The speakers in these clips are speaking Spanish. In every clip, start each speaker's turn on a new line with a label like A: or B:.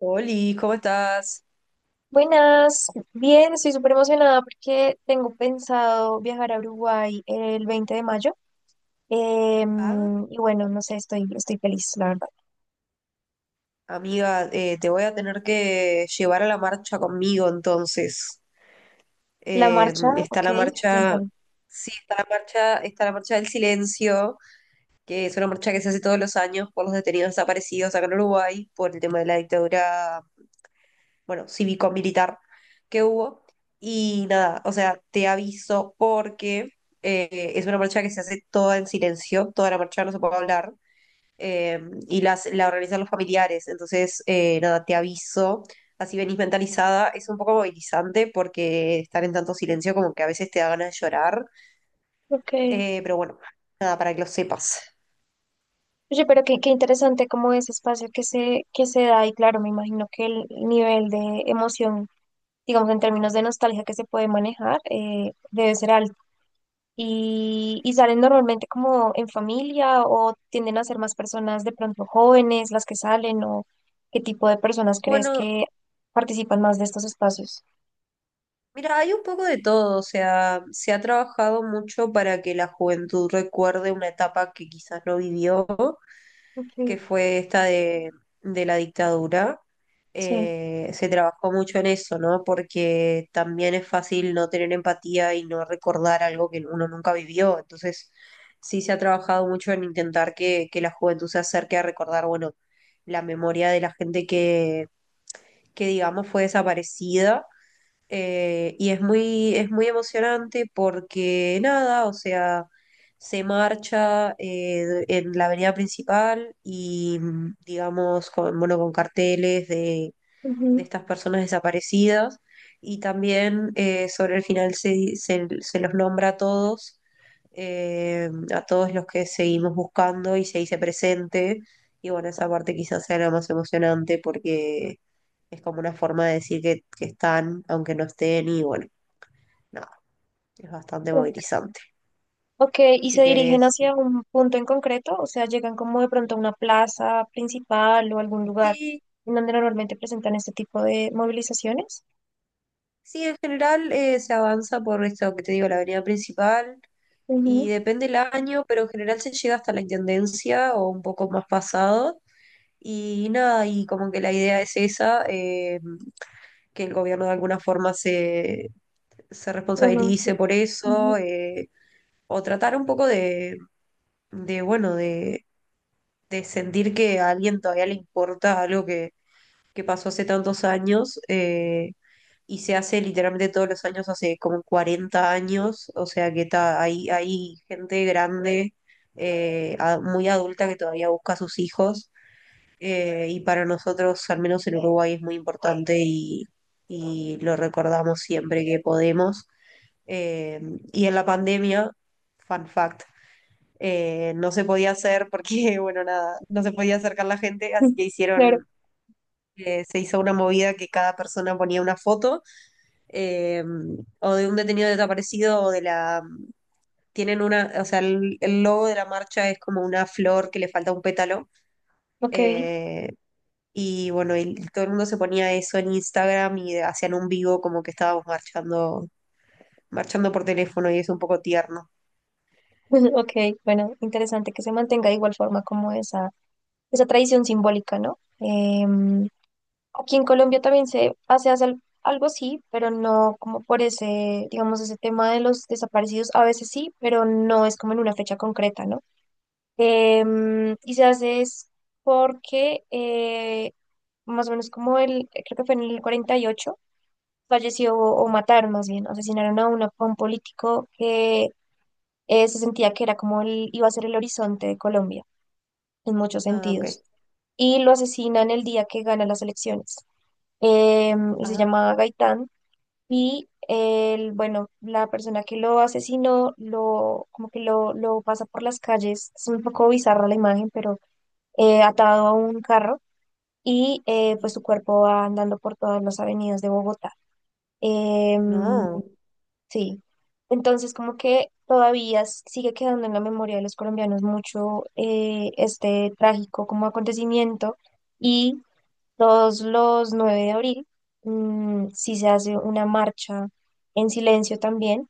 A: Oli, ¿cómo estás?
B: Buenas, bien, estoy súper emocionada porque tengo pensado viajar a Uruguay el 20 de mayo.
A: Ah,
B: Y bueno, no sé, estoy feliz, la verdad.
A: amiga, te voy a tener que llevar a la marcha conmigo entonces.
B: La
A: Eh,
B: marcha,
A: está
B: ok,
A: la marcha,
B: cuéntame.
A: sí, Está la marcha, está la marcha del silencio, que es una marcha que se hace todos los años por los detenidos desaparecidos acá en Uruguay, por el tema de la dictadura, bueno, cívico-militar que hubo. Y nada, o sea, te aviso porque es una marcha que se hace toda en silencio, toda la marcha no se puede hablar eh, y la organizan los familiares. Entonces, nada, te aviso. Así venís mentalizada. Es un poco movilizante porque estar en tanto silencio como que a veces te da ganas de llorar.
B: Ok.
A: Pero bueno, nada, para que lo sepas.
B: Oye, pero qué interesante como ese espacio que se da y claro, me imagino que el nivel de emoción, digamos, en términos de nostalgia que se puede manejar, debe ser alto. Y salen normalmente como en familia o tienden a ser más personas de pronto jóvenes las que salen, o ¿qué tipo de personas crees
A: Bueno,
B: que participan más de estos espacios?
A: mira, hay un poco de todo. O sea, se ha trabajado mucho para que la juventud recuerde una etapa que quizás no vivió,
B: Okay.
A: que fue esta de la dictadura.
B: Sí.
A: Eh, se trabajó mucho en eso, ¿no? Porque también es fácil no tener empatía y no recordar algo que uno nunca vivió. Entonces, sí se ha trabajado mucho en intentar que la juventud se acerque a recordar, bueno, la memoria de la gente que, digamos, fue desaparecida. Y es muy emocionante porque nada, o sea, se marcha en la avenida principal y digamos, con, bueno, con carteles de
B: Ujú.
A: estas personas desaparecidas. Y también sobre el final se los nombra a todos los que seguimos buscando y se dice presente. Y bueno, esa parte quizás sea la más emocionante porque es como una forma de decir que están, aunque no estén. Y bueno, nada, es bastante
B: Ok,
A: movilizante.
B: ok, ¿y se
A: Si
B: dirigen
A: querés.
B: hacia un punto en concreto? O sea, llegan como de pronto a una plaza principal o algún lugar
A: Sí,
B: en donde normalmente presentan este tipo de movilizaciones.
A: sí, en general se avanza por esto que te digo, la avenida principal. Y
B: Ujú.
A: depende el año, pero en general se llega hasta la intendencia o un poco más pasado. Y nada, y como que la idea es esa, que el gobierno de alguna forma se
B: Pero no sé.
A: responsabilice por eso,
B: Ujú.
A: o tratar un poco de bueno, de sentir que a alguien todavía le importa algo que pasó hace tantos años. Y se hace literalmente todos los años, hace como 40 años, o sea que hay, hay gente grande, muy adulta que todavía busca a sus hijos. Y para nosotros, al menos en Uruguay, es muy importante y lo recordamos siempre que podemos. Eh, y en la pandemia, fun fact, no se podía hacer porque, bueno, nada, no se podía acercar la gente, así que
B: Claro,
A: hicieron, se hizo una movida que cada persona ponía una foto, eh, o de un detenido desaparecido o de la... Tienen una, o sea, el logo de la marcha es como una flor que le falta un pétalo.
B: ok.
A: eh, y bueno, y todo el mundo se ponía eso en Instagram y hacían un vivo como que estábamos marchando, marchando por teléfono, y es un poco tierno.
B: Ok, bueno, interesante que se mantenga de igual forma como esa tradición simbólica, ¿no? Aquí en Colombia también se hace algo así, pero no como por ese, digamos, ese tema de los desaparecidos, a veces sí, pero no es como en una fecha concreta, ¿no? Y se hace es porque más o menos como el, creo que fue en el 48, falleció o mataron más bien, asesinaron a un político que se sentía que era como el, iba a ser el horizonte de Colombia en muchos
A: Ah, ok.
B: sentidos. Y lo asesinan el día que gana las elecciones. Él se
A: Ah,
B: llamaba Gaitán y él, bueno, la persona que lo asesinó, como que lo pasa por las calles. Es un poco bizarra la imagen, pero atado a un carro, y pues su cuerpo va andando por todas las avenidas de Bogotá. Em,
A: no,
B: Sí, entonces como que todavía sigue quedando en la memoria de los colombianos mucho, este trágico como acontecimiento, y todos los 9 de abril sí se hace una marcha en silencio también,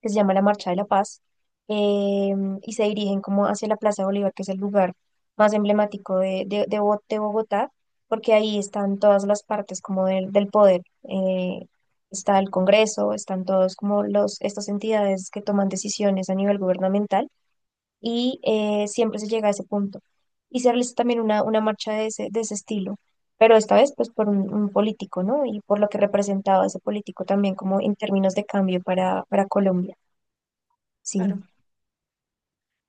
B: que se llama la Marcha de la Paz, eh, y se dirigen como hacia la Plaza Bolívar, que es el lugar más emblemático de Bogotá, porque ahí están todas las partes como del poder. eh, está el Congreso, están todos estas entidades que toman decisiones a nivel gubernamental, y siempre se llega a ese punto. Y se realiza también una marcha de ese estilo, pero esta vez pues por un político, ¿no? Y por lo que representaba ese político también como en términos de cambio para Colombia. Sí,
A: claro.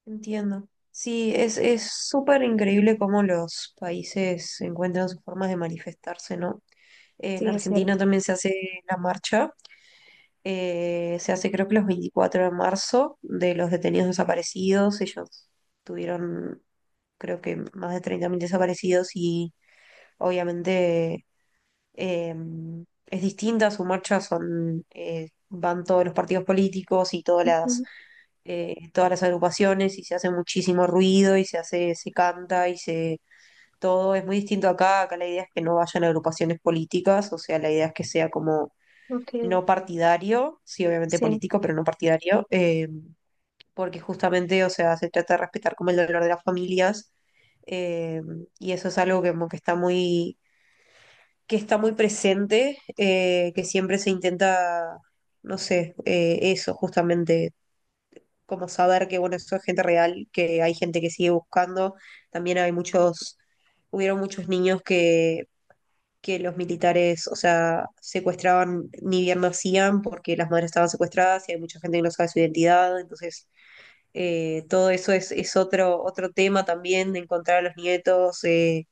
A: Entiendo. Sí, es súper increíble cómo los países encuentran sus formas de manifestarse, ¿no? En
B: sí, es
A: Argentina
B: cierto.
A: también se hace la marcha. Se hace creo que los 24 de marzo, de los detenidos desaparecidos. Ellos tuvieron, creo que, más de 30.000 desaparecidos. Y obviamente eh, es distinta su marcha, son, van todos los partidos políticos y
B: Ujú,
A: todas las agrupaciones, y se hace muchísimo ruido y se hace, se canta y se, todo es muy distinto acá. Acá la idea es que no vayan agrupaciones políticas, o sea, la idea es que sea como
B: ok,
A: no partidario, sí, obviamente
B: sí,
A: político, pero no partidario. Porque justamente, o sea, se trata de respetar como el dolor de las familias. eh, y eso es algo como que está muy presente, que siempre se intenta, no sé, eso justamente, como saber que, bueno, eso es gente real, que hay gente que sigue buscando. También hay muchos, hubieron muchos niños que los militares, o sea, secuestraban, ni bien nacían porque las madres estaban secuestradas, y hay mucha gente que no sabe su identidad. Entonces, todo eso es otro, otro tema también, de encontrar a los nietos.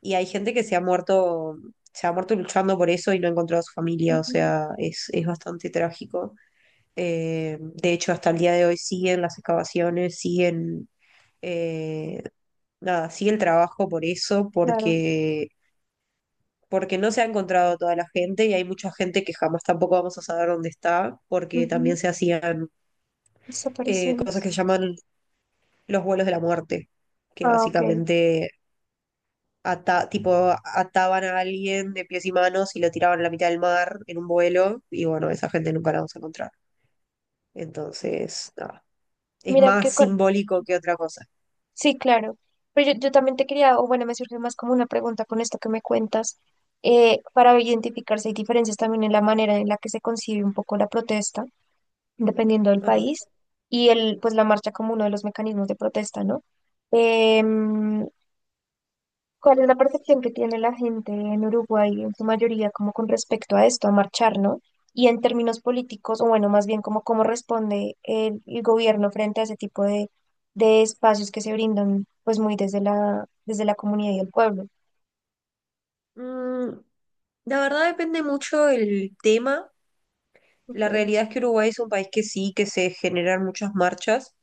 A: Y hay gente que se ha muerto luchando por eso y no ha encontrado a su familia. O
B: ujú,
A: sea, es bastante trágico. De hecho, hasta el día de hoy siguen las excavaciones, siguen, eh, nada, sigue el trabajo por eso,
B: claro.
A: porque, porque no se ha encontrado toda la gente, y hay mucha gente que jamás tampoco vamos a saber dónde está, porque también
B: Ujú.
A: se hacían cosas
B: Desaparecemos.
A: que se llaman los vuelos de la muerte, que
B: Ah, ok.
A: básicamente tipo, ataban a alguien de pies y manos y lo tiraban a la mitad del mar en un vuelo, y bueno, esa gente nunca la vamos a encontrar. Entonces, nada, es
B: Mira
A: más
B: que con...
A: simbólico que otra cosa.
B: Sí, claro. Pero yo también te quería, o bueno, me surge más como una pregunta con esto que me cuentas. Para identificarse, hay diferencias también en la manera en la que se concibe un poco la protesta, dependiendo del
A: Ajá.
B: país, y pues la marcha como uno de los mecanismos de protesta, ¿no? Em, ¿Cuál es la percepción que tiene la gente en Uruguay, en su mayoría, como con respecto a esto, a marchar, ¿no? Y en términos políticos, o bueno, más bien como cómo responde el gobierno frente a ese tipo de espacios que se brindan, pues muy desde la comunidad y el pueblo.
A: Mm, la verdad depende mucho el tema.
B: Ok,
A: La realidad es que Uruguay es un país que sí, que se generan muchas marchas,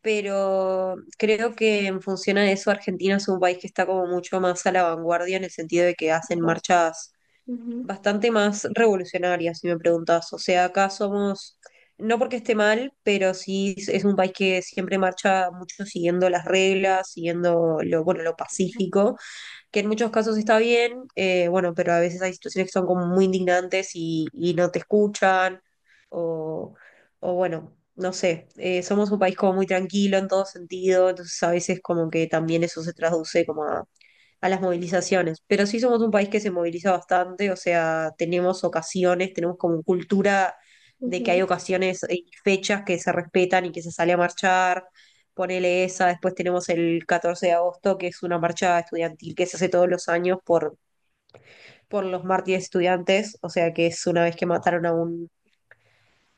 A: pero creo que en función a eso Argentina es un país que está como mucho más a la vanguardia, en el sentido de que hacen
B: claro.
A: marchas
B: Ujú,
A: bastante más revolucionarias, si me preguntas. O sea, acá somos, no porque esté mal, pero sí es un país que siempre marcha mucho siguiendo las reglas, siguiendo lo, bueno, lo pacífico, que en muchos casos está bien. Bueno, pero a veces hay situaciones que son como muy indignantes y no te escuchan, o, o bueno, no sé, somos un país como muy tranquilo en todo sentido, entonces a veces como que también eso se traduce como a las movilizaciones, pero sí somos un país que se moviliza bastante, o sea, tenemos ocasiones, tenemos como cultura de que hay
B: ujú,
A: ocasiones y fechas que se respetan y que se sale a marchar, ponele esa, después tenemos el 14 de agosto, que es una marcha estudiantil que se hace todos los años por los mártires estudiantes, o sea, que es una vez que mataron a un,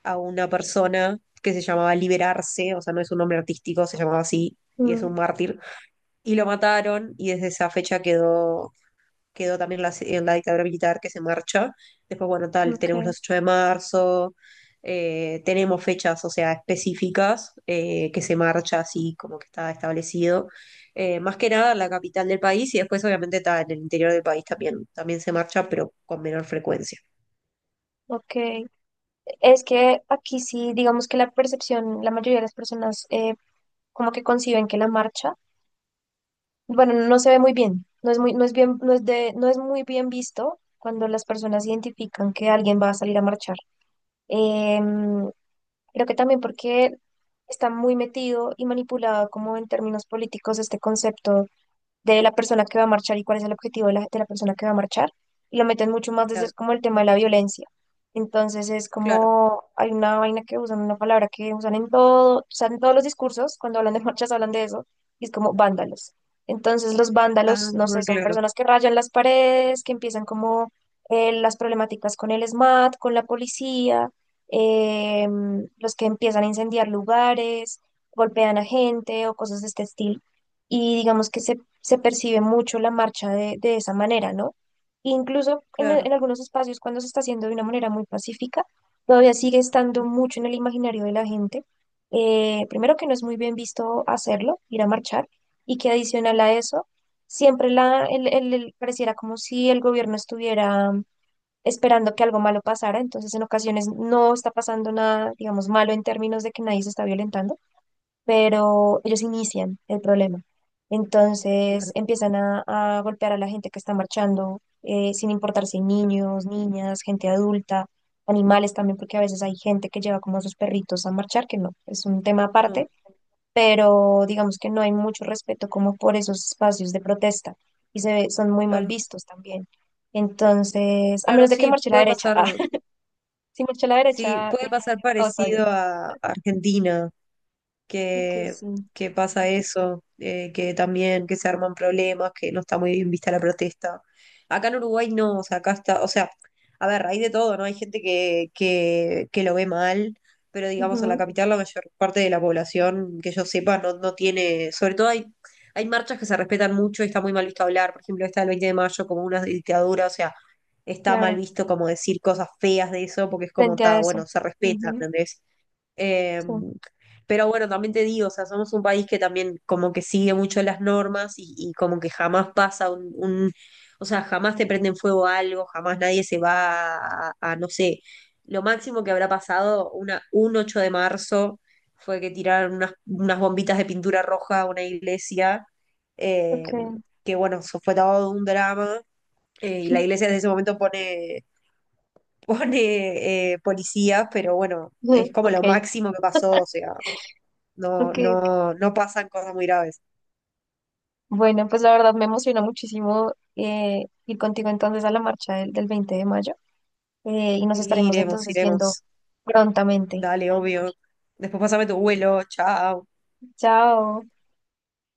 A: a una persona que se llamaba Liberarse, o sea, no es un nombre artístico, se llamaba así, y es un
B: mm,
A: mártir, y lo mataron, y desde esa fecha quedó también la, en la dictadura militar, que se marcha. Después, bueno, tal, tenemos
B: ok,
A: los 8 de marzo, tenemos fechas, o sea, específicas que se marcha así, como que está establecido. Más que nada en la capital del país, y después obviamente está en el interior del país también, también se marcha, pero con menor frecuencia.
B: ok. Es que aquí sí, digamos que la percepción, la mayoría de las personas, como que conciben que la marcha, bueno, no se ve muy bien, no es muy, no es bien, no es de, no es muy bien visto cuando las personas identifican que alguien va a salir a marchar. Em, creo que también porque está muy metido y manipulado como en términos políticos este concepto de la persona que va a marchar y cuál es el objetivo de la persona que va a marchar. Y lo meten mucho más desde
A: Claro,
B: como el tema de la violencia. Entonces es
A: claro.
B: como, hay una vaina que usan, una palabra que usan en todo, usan en todos los discursos, cuando hablan de marchas hablan de eso, y es como vándalos. Entonces los vándalos,
A: Ah,
B: no sé,
A: bueno,
B: son
A: claro,
B: personas que rayan las paredes, que empiezan como las problemáticas con el SMAT, con la policía, los que empiezan a incendiar lugares, golpean a gente o cosas de este estilo, y digamos que se percibe mucho la marcha de esa manera, ¿no? Incluso
A: claro,
B: en algunos espacios, cuando se está haciendo de una manera muy pacífica, todavía sigue estando
A: ujú,
B: mucho en el imaginario de la gente. Primero que no es muy bien visto hacerlo, ir a marchar, y que adicional a eso, siempre la, el- pareciera como si el gobierno estuviera esperando que algo malo pasara. Entonces en ocasiones no está pasando nada, digamos, malo en términos de que nadie se está violentando, pero ellos inician el problema. Entonces
A: claro,
B: empiezan a golpear a la gente que está marchando, sin importar si niños, niñas, gente adulta, animales también, porque a veces hay gente que lleva como a sus perritos a marchar, que no, es un tema
A: no,
B: aparte, pero digamos que no hay mucho respeto como por esos espacios de protesta, y son muy mal
A: claro.
B: vistos también. Entonces, a
A: Claro,
B: menos de que marche la derecha, ah, si marcha la
A: sí,
B: derecha,
A: puede pasar
B: todo está bien.
A: parecido a Argentina.
B: Ok,
A: que,
B: sí.
A: que pasa eso, que también que se arman problemas, que no está muy bien vista la protesta. Acá en Uruguay no, o sea, acá está, o sea, a ver, hay de todo, ¿no? Hay gente que lo ve mal, pero digamos en la
B: Ujú,
A: capital la mayor parte de la población que yo sepa no, no tiene, sobre todo hay, hay marchas que se respetan mucho, y está muy mal visto hablar, por ejemplo, esta del 20 de mayo como una dictadura, o sea, está mal
B: claro.
A: visto como decir cosas feas de eso, porque es como,
B: Frente a
A: está,
B: eso.
A: bueno, se respeta,
B: Ujú,
A: ¿entendés? Eh,
B: sí,
A: pero bueno, también te digo, o sea, somos un país que también como que sigue mucho las normas, y como que jamás pasa o sea, jamás te prenden fuego algo, jamás nadie se va a, no sé, lo máximo que habrá pasado un 8 de marzo fue que tiraron unas bombitas de pintura roja a una iglesia.
B: ok,
A: eh, que bueno, eso fue todo un drama. Y la iglesia desde ese momento pone policías, pero bueno,
B: ujú,
A: es como
B: ok,
A: lo máximo que pasó, o sea, no,
B: ok, ok.
A: no, no pasan cosas muy graves.
B: Bueno, pues la verdad me emocionó muchísimo, ir contigo entonces a la marcha del 20 de mayo, y nos
A: Sí,
B: estaremos
A: iremos,
B: entonces viendo
A: iremos.
B: prontamente.
A: Dale, obvio. Después pasame tu vuelo, chao.
B: Chao.